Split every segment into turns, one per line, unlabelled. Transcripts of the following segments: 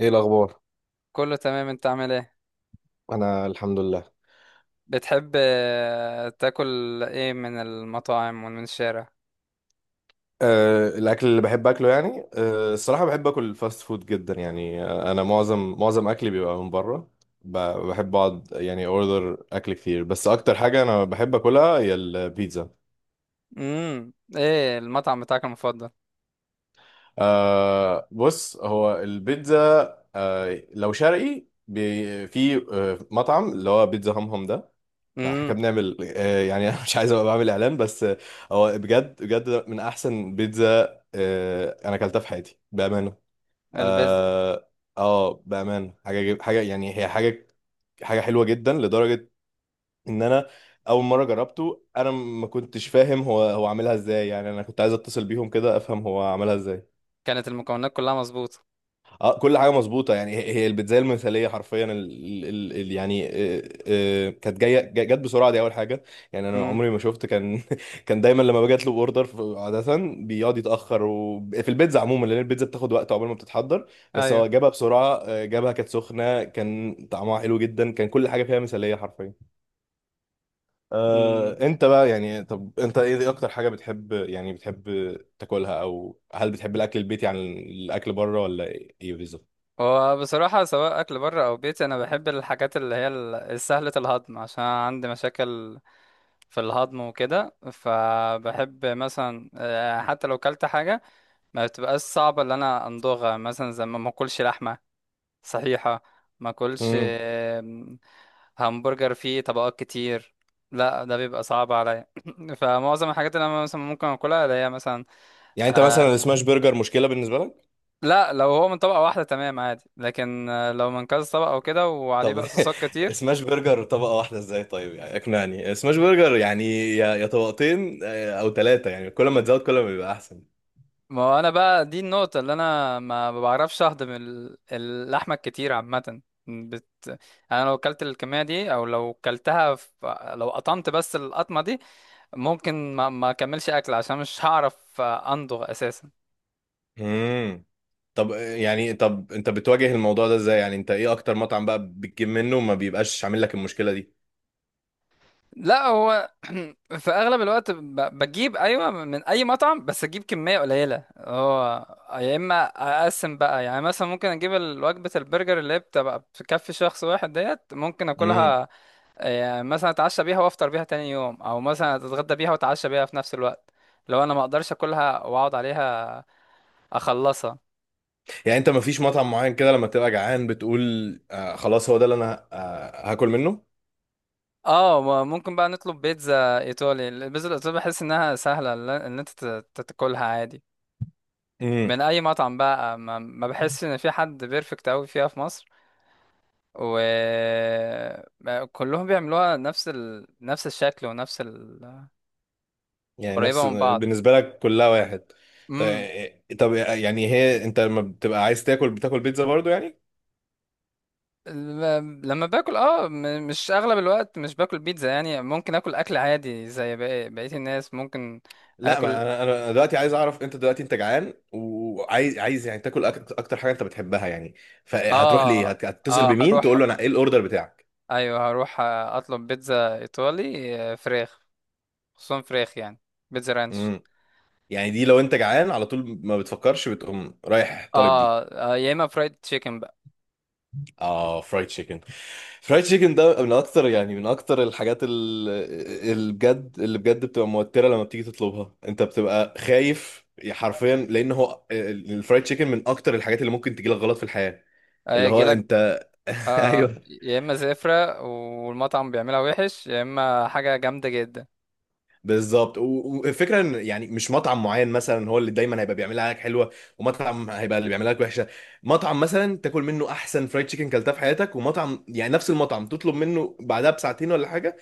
ايه الاخبار؟
كله تمام. انت عامل ايه؟
انا الحمد لله.
بتحب تاكل ايه من المطاعم ومن الشارع؟
الاكل اللي بحب اكله يعني الصراحه بحب اكل الفاست فود جدا يعني انا معظم اكلي بيبقى من بره. ب- بحب اقعد يعني اوردر اكل كتير، بس اكتر حاجه انا بحب اكلها هي البيتزا.
ايه المطعم بتاعك المفضل؟
بص، هو البيتزا، لو شرقي، في مطعم اللي هو بيتزا همهم ده. لا، احنا
امم.
كنا بنعمل، يعني انا مش عايز ابقى بعمل اعلان، بس هو بجد من احسن بيتزا انا اكلتها في حياتي بامانه.
البيز.
اه. بامانه حاجه حاجه، يعني هي حاجه، حاجه حلوه جدا لدرجه ان انا اول مره جربته انا ما كنتش فاهم هو عاملها ازاي. يعني انا كنت عايز اتصل بيهم كده افهم هو عملها ازاي.
كانت المكونات كلها مظبوطه؟
اه، كل حاجه مظبوطه، يعني هي البيتزا المثاليه حرفيا. ال يعني، كانت جايه جت بسرعه، دي اول حاجه. يعني انا
امم.
عمري ما شفت، كان كان دايما لما باجي اطلب اوردر عاده بيقعد يتاخر، وفي البيتزا عموما، لان البيتزا بتاخد وقت عقبال ما بتتحضر، بس هو
ايوه.
جابها بسرعه. جابها كانت سخنه، كان طعمها حلو جدا، كان كل حاجه فيها مثاليه حرفيا.
امم.
انت بقى يعني، طب انت ايه اكتر حاجه بتحب، يعني بتحب تاكلها، او هل بتحب الاكل البيتي عن الاكل بره ولا ايه؟
وبصراحه سواء اكل بره او بيتي، انا بحب الحاجات اللي هي سهله الهضم عشان عندي مشاكل في الهضم وكده، فبحب مثلا حتى لو كلت حاجه ما بتبقاش صعبه ان انا امضغها، مثلا زي ما اكلش لحمه. صحيحة. ما اكلش
بالظبط.
همبرجر فيه طبقات كتير، لا ده بيبقى صعب عليا. فمعظم الحاجات اللي انا مثلا ممكن اكلها اللي هي مثلا
يعني انت
آه.
مثلا السماش برجر مشكله بالنسبه لك؟
لا، لو هو من طبقة واحدة تمام عادي، لكن لو من كذا طبقة وكده وعليه
طب،
بقى صوصات كتير.
سماش برجر طبقه واحده ازاي؟ طيب يعني اقنعني، سماش برجر يعني يا طبقتين او ثلاثه، يعني كل ما تزود كل ما بيبقى احسن.
ما هو انا بقى دي النقطة اللي انا ما بعرفش اهضم اللحمة الكتير عامة. بت... انا لو اكلت الكمية دي او لو اكلتها في... لو قطمت بس القطمة دي ممكن ما اكملش اكل عشان مش هعرف امضغ اساسا.
امم. طب، يعني، طب انت بتواجه الموضوع ده ازاي؟ يعني انت ايه اكتر مطعم بقى بتجيب منه وما بيبقاش عامل لك المشكله دي؟
لا هو في اغلب الوقت بجيب، ايوه، من اي مطعم بس اجيب كميه قليله. هو يا اما اقسم بقى يعني مثلا ممكن اجيب وجبه البرجر اللي هي بتبقى بتكفي شخص واحد، ديت ممكن
امم.
اكلها، يعني مثلا اتعشى بيها وافطر بيها تاني يوم، او مثلا اتغدى بيها واتعشى بيها في نفس الوقت. لو انا ما اقدرش اكلها واقعد عليها اخلصها.
يعني انت ما فيش مطعم معين كده لما تبقى جعان بتقول آه خلاص هو ده اللي انا آه هاكل منه؟
اه ممكن بقى نطلب بيتزا ايطالي. البيتزا الايطالي بحس انها سهله ان انت تاكلها عادي.
مم.
من اي مطعم بقى ما بحس ان في حد بيرفكت قوي فيها في مصر، وكلهم بيعملوها نفس ال... نفس الشكل ونفس ال...
يعني نفس
قريبه من بعض.
بالنسبة لك كلها واحد؟
امم.
طيب، طب يعني هي انت لما بتبقى عايز تاكل بتاكل بيتزا برضو يعني؟
لما باكل اه مش اغلب الوقت مش باكل بيتزا، يعني ممكن اكل اكل عادي زي بقية الناس ممكن
لا،
اكل.
ما انا دلوقتي عايز اعرف، انت دلوقتي انت جعان وعايز يعني تاكل اكتر حاجة انت بتحبها يعني، فهتروح ليه،
اه.
هتتصل
اه
بمين
هروح.
تقول له انا ايه الاوردر بتاعك؟
ايوه هروح اطلب بيتزا ايطالي، فراخ. خصوصا فراخ يعني. بيتزا رانش.
امم. يعني دي لو انت جعان على طول ما بتفكرش بتقوم رايح طالب دي؟
اه، يا اما فرايد تشيكن بقى.
اه، فرايد تشيكن. فرايد تشيكن ده من اكتر، يعني من اكتر الحاجات اللي بجد، بتبقى موتره لما بتيجي تطلبها، انت بتبقى خايف حرفيا، لان هو الفرايد تشيكن من اكتر الحاجات اللي ممكن تجيلك غلط في الحياه. اللي هو
هيجي لك
انت
آه
ايوه.
يا اما زفرة والمطعم بيعملها وحش، يا اما حاجة جامدة جدا.
بالظبط والفكره ان يعني مش مطعم معين مثلا هو اللي دايما هيبقى بيعملها لك حلوه، ومطعم هيبقى اللي بيعملها لك وحشه. مطعم مثلا تاكل منه احسن فرايد تشيكن كلتها في حياتك، ومطعم يعني نفس المطعم تطلب منه بعدها بساعتين ولا حاجه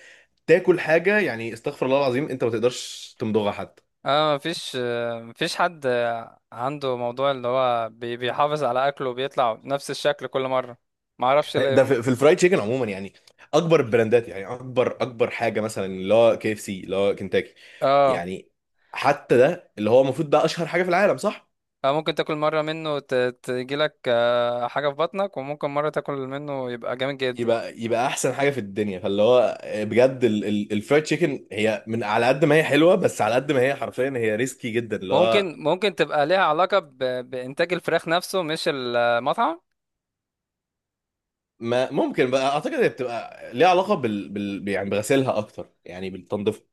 تاكل حاجه، يعني استغفر الله العظيم انت ما تقدرش تمضغها حتى.
اه مفيش مفيش حد عنده موضوع اللي هو بيحافظ على اكله وبيطلع نفس الشكل كل مرة. معرفش
ده
ليه.
في الفرايد تشيكن عموما، يعني اكبر البراندات، يعني اكبر حاجه مثلا اللي هو كي اف سي اللي هو كنتاكي
اه
يعني، حتى ده اللي هو المفروض ده اشهر حاجه في العالم صح؟
ممكن تاكل مرة منه تجيلك حاجة في بطنك، وممكن مرة تاكل منه يبقى جامد جدا.
يبقى احسن حاجه في الدنيا. فاللي هو بجد الفرايد تشيكن هي، من على قد ما هي حلوه بس على قد ما هي حرفيا هي ريسكي جدا اللي هو.
ممكن تبقى ليها علاقة ب... بإنتاج الفراخ نفسه مش المطعم.
ما ممكن بقى، اعتقد هي بتبقى ليها علاقه بال, بال يعني بغسيلها اكتر، يعني بالتنظيف.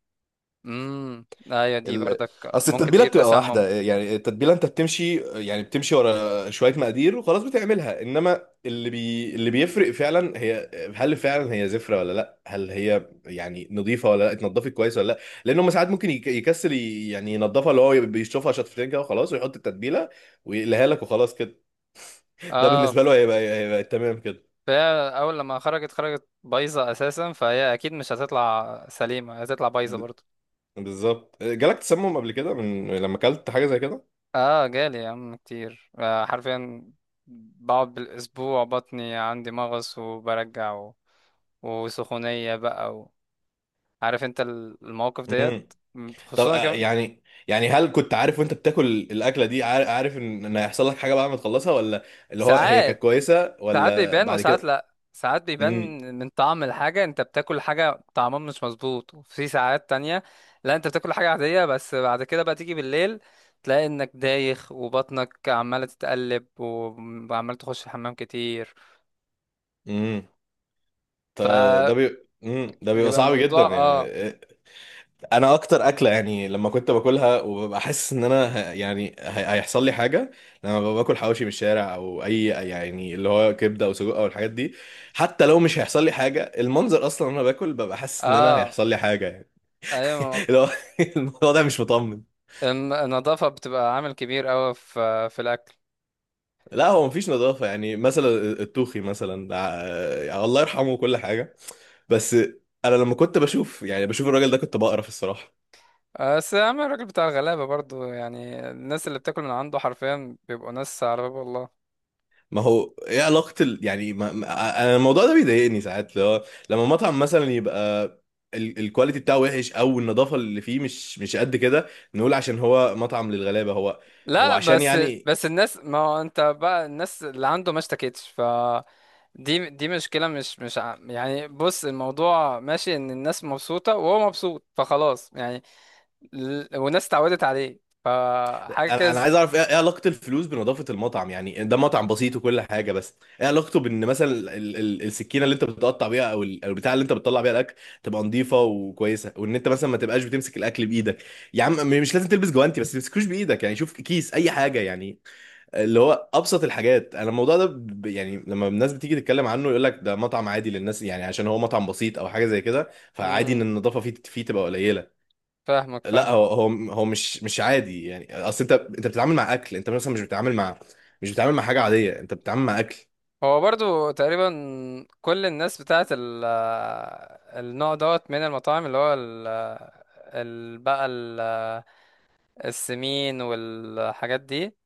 امم. ايوه دي
ال...
برضك
اصل
ممكن
التتبيله
تجيب
بتبقى
تسمم.
واحده، يعني التتبيله انت بتمشي، يعني بتمشي ورا شويه مقادير وخلاص بتعملها، انما اللي بي... اللي بيفرق فعلا، هي هل فعلا هي زفره ولا لا، هل هي يعني نظيفه ولا لا، اتنضفت كويس ولا لا. لان هم ساعات ممكن يك... يكسل ي... يعني ينضفها اللي هو بيشطفها شطفتين كده وخلاص، ويحط التتبيله ويقلها لك وخلاص كده. ده
اه
بالنسبه له هيبقى تمام كده.
فهي اول لما خرجت خرجت بايظة اساسا، فهي اكيد مش هتطلع سليمة، هتطلع بايظة
ب-
برضه.
بالظبط. جالك تسمم قبل كده من لما اكلت حاجه زي
اه جالي يا عم كتير آه حرفيا. بقعد بالاسبوع بطني عندي مغص وبرجع و... وسخونية بقى و... عارف انت المواقف
كده؟
ديت.
طب،
خصوصا كمان.
يعني، يعني هل كنت عارف وانت بتاكل الاكله دي، عارف ان ان هيحصل لك حاجه بعد ما تخلصها، ولا اللي هو هي كانت
ساعات
كويسه
ساعات
ولا
بيبان
بعد
وساعات
كده؟
لا، ساعات بيبان
امم.
من طعم الحاجة. انت بتاكل حاجة طعمها مش مظبوط، وفي ساعات تانية لا، انت بتاكل حاجة عادية بس بعد كده بقى تيجي بالليل تلاقي انك دايخ وبطنك عمالة تتقلب وعمال تخش الحمام كتير.
امم. ط- ده
فبيبقى
بي امم، ده بيبقى صعب جدا
الموضوع
يعني.
اه.
انا اكتر اكله يعني لما كنت باكلها وببقى حاسس ان انا يعني هيحصل لي حاجه، لما ببقى باكل حواوشي من الشارع، او اي يعني اللي هو كبده او سجق او الحاجات دي. حتى لو مش هيحصل لي حاجه، المنظر اصلا وانا باكل ببقى حاسس ان انا
اه
هيحصل لي حاجه يعني.
ايوه.
اللي هو الموضوع ده مش مطمن.
النظافة بتبقى عامل كبير اوي في الاكل.
لا، هو مفيش نظافة. يعني مثلا التوخي مثلا، يعني الله يرحمه وكل حاجة، بس أنا لما كنت بشوف، يعني بشوف الراجل ده كنت بقرف الصراحة.
بس يا عم الراجل بتاع الغلابة برضو، يعني الناس اللي بتاكل من عنده حرفيا بيبقوا ناس على باب الله.
ما هو ايه علاقة ال... يعني ما... ما... أنا الموضوع ده بيضايقني ساعات لو... لما مطعم مثلا يبقى ال... الكواليتي بتاعه وحش، أو النظافة اللي فيه مش قد كده، نقول عشان هو مطعم للغلابة هو، هو
لا
عشان
بس.
يعني.
الناس، ما هو انت بقى الناس اللي عنده ما اشتكتش، ف دي مشكلة. مش مش ع- يعني بص الموضوع ماشي ان الناس مبسوطة وهو مبسوط، فخلاص يعني. والناس اتعودت عليه فحاجة
انا
كز...
عايز اعرف ايه، إيه علاقه الفلوس بنظافه المطعم؟ يعني ده مطعم بسيط وكل حاجه، بس ايه علاقته بان مثلا السكينه اللي انت بتقطع بيها، او ال- أو البتاع اللي انت بتطلع بيها الاكل، تبقى نظيفه وكويسه، وان انت مثلا ما تبقاش بتمسك الاكل بايدك. يا عم، مش لازم تلبس جوانتي، بس ما تمسكوش بايدك، يعني شوف كيس اي حاجه يعني، اللي هو ابسط الحاجات. انا الموضوع ده يعني لما الناس بتيجي تتكلم عنه يقول لك ده مطعم عادي للناس، يعني عشان هو مطعم بسيط او حاجه زي كده فعادي
مم،
ان النظافه فيه تبقى قليله.
فاهمك
لا،
فاهمك.
هو مش عادي. يعني اصل انت بتتعامل مع اكل، انت مثلا مش بتتعامل مع، مش بتتعامل مع حاجه عاديه، انت بتتعامل مع اكل.
هو برضو تقريبا كل الناس بتاعت ال... النوع دوت من المطاعم اللي هو ال... ال... بقى ال... السمين والحاجات دي،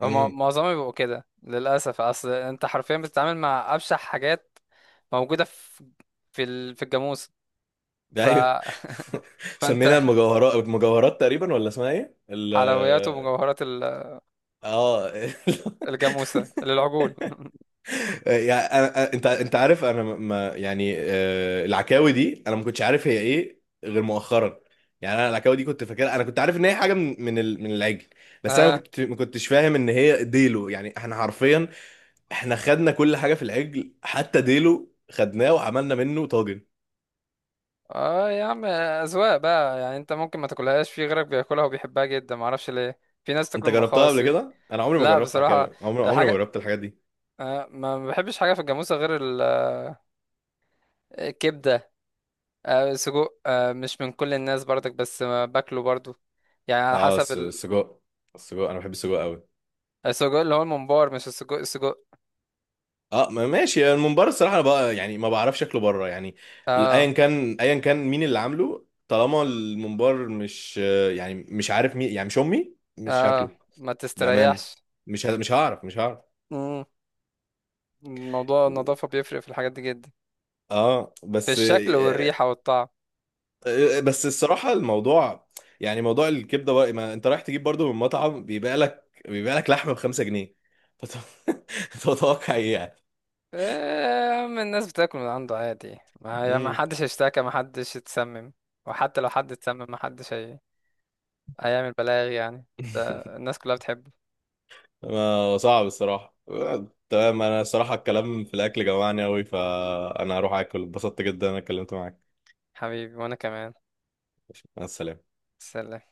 هما
امم.
معظمهم بيبقوا كده للأسف. أصل أنت حرفيا بتتعامل مع أبشع حاجات موجودة في في الجاموسة.
ده
ف...
ايوه. سمينا
فأنت
المجوهرات، المجوهرات تقريبا، ولا اسمها ايه ال؟
حلويات ومجوهرات
اه.
الجاموسة للعجول.
يعني أنا... انت، عارف انا ما، يعني العكاوي دي انا ما كنتش عارف هي ايه غير مؤخرا. يعني انا العكاوي دي كنت فاكرها، انا كنت عارف ان هي حاجه من من العجل، بس انا
اه.
ما كنتش فاهم ان هي ديلو. يعني احنا حرفيا احنا خدنا كل حاجه في العجل، حتى ديلو خدناه وعملنا منه طاجن.
اه يا عم، أذواق بقى يعني. أنت ممكن ما تاكلهاش، في غيرك بياكلها وبيحبها جدا، معرفش ليه. في ناس تاكل
انت جربتها قبل
المخاصي.
كده؟ انا عمري ما
لا
جربت
بصراحة
عكاوي، عمري ما
الحاجة،
جربت الحاجات دي.
آه ما بحبش حاجة في الجاموسة غير الكبدة. سجق، مش من كل الناس برضك، بس باكله برضو، يعني على
اه،
حسب
السجق. السجق، انا بحب السجق قوي.
السجق اللي هو الممبار، مش السجق السجق.
اه، ماشي، يعني الممبار الصراحه انا بقى يعني ما بعرفش شكله بره يعني،
اه.
ايا كان مين اللي عامله، طالما الممبار مش، يعني مش عارف مين، يعني مش امي مش
اه
شكله.
ما
بامان.
تستريحش.
مش هعرف، مش هعرف.
مم. الموضوع النظافة بيفرق في الحاجات دي جدا،
اه
في
بس
الشكل والريحة والطعم.
بس الصراحة الموضوع، يعني موضوع الكبدة بقى، ما انت رايح تجيب برضو من مطعم بيبيع لك لحمة ب5 جنيه، فت- تتوقع ايه يعني؟
أما الناس بتاكل من عنده عادي، ما
مم.
حدش اشتكى، ما حدش اتسمم. وحتى لو حد اتسمم ما حدش هي... هيعمل بلاغ يعني. ده الناس كلها بتحبه.
صعب الصراحة. تمام، انا الصراحة الكلام في الاكل جوعني اوي فانا هروح اكل. اتبسطت جدا انا اتكلمت معاك.
حبيبي، وانا كمان.
مع السلامة.
سلام.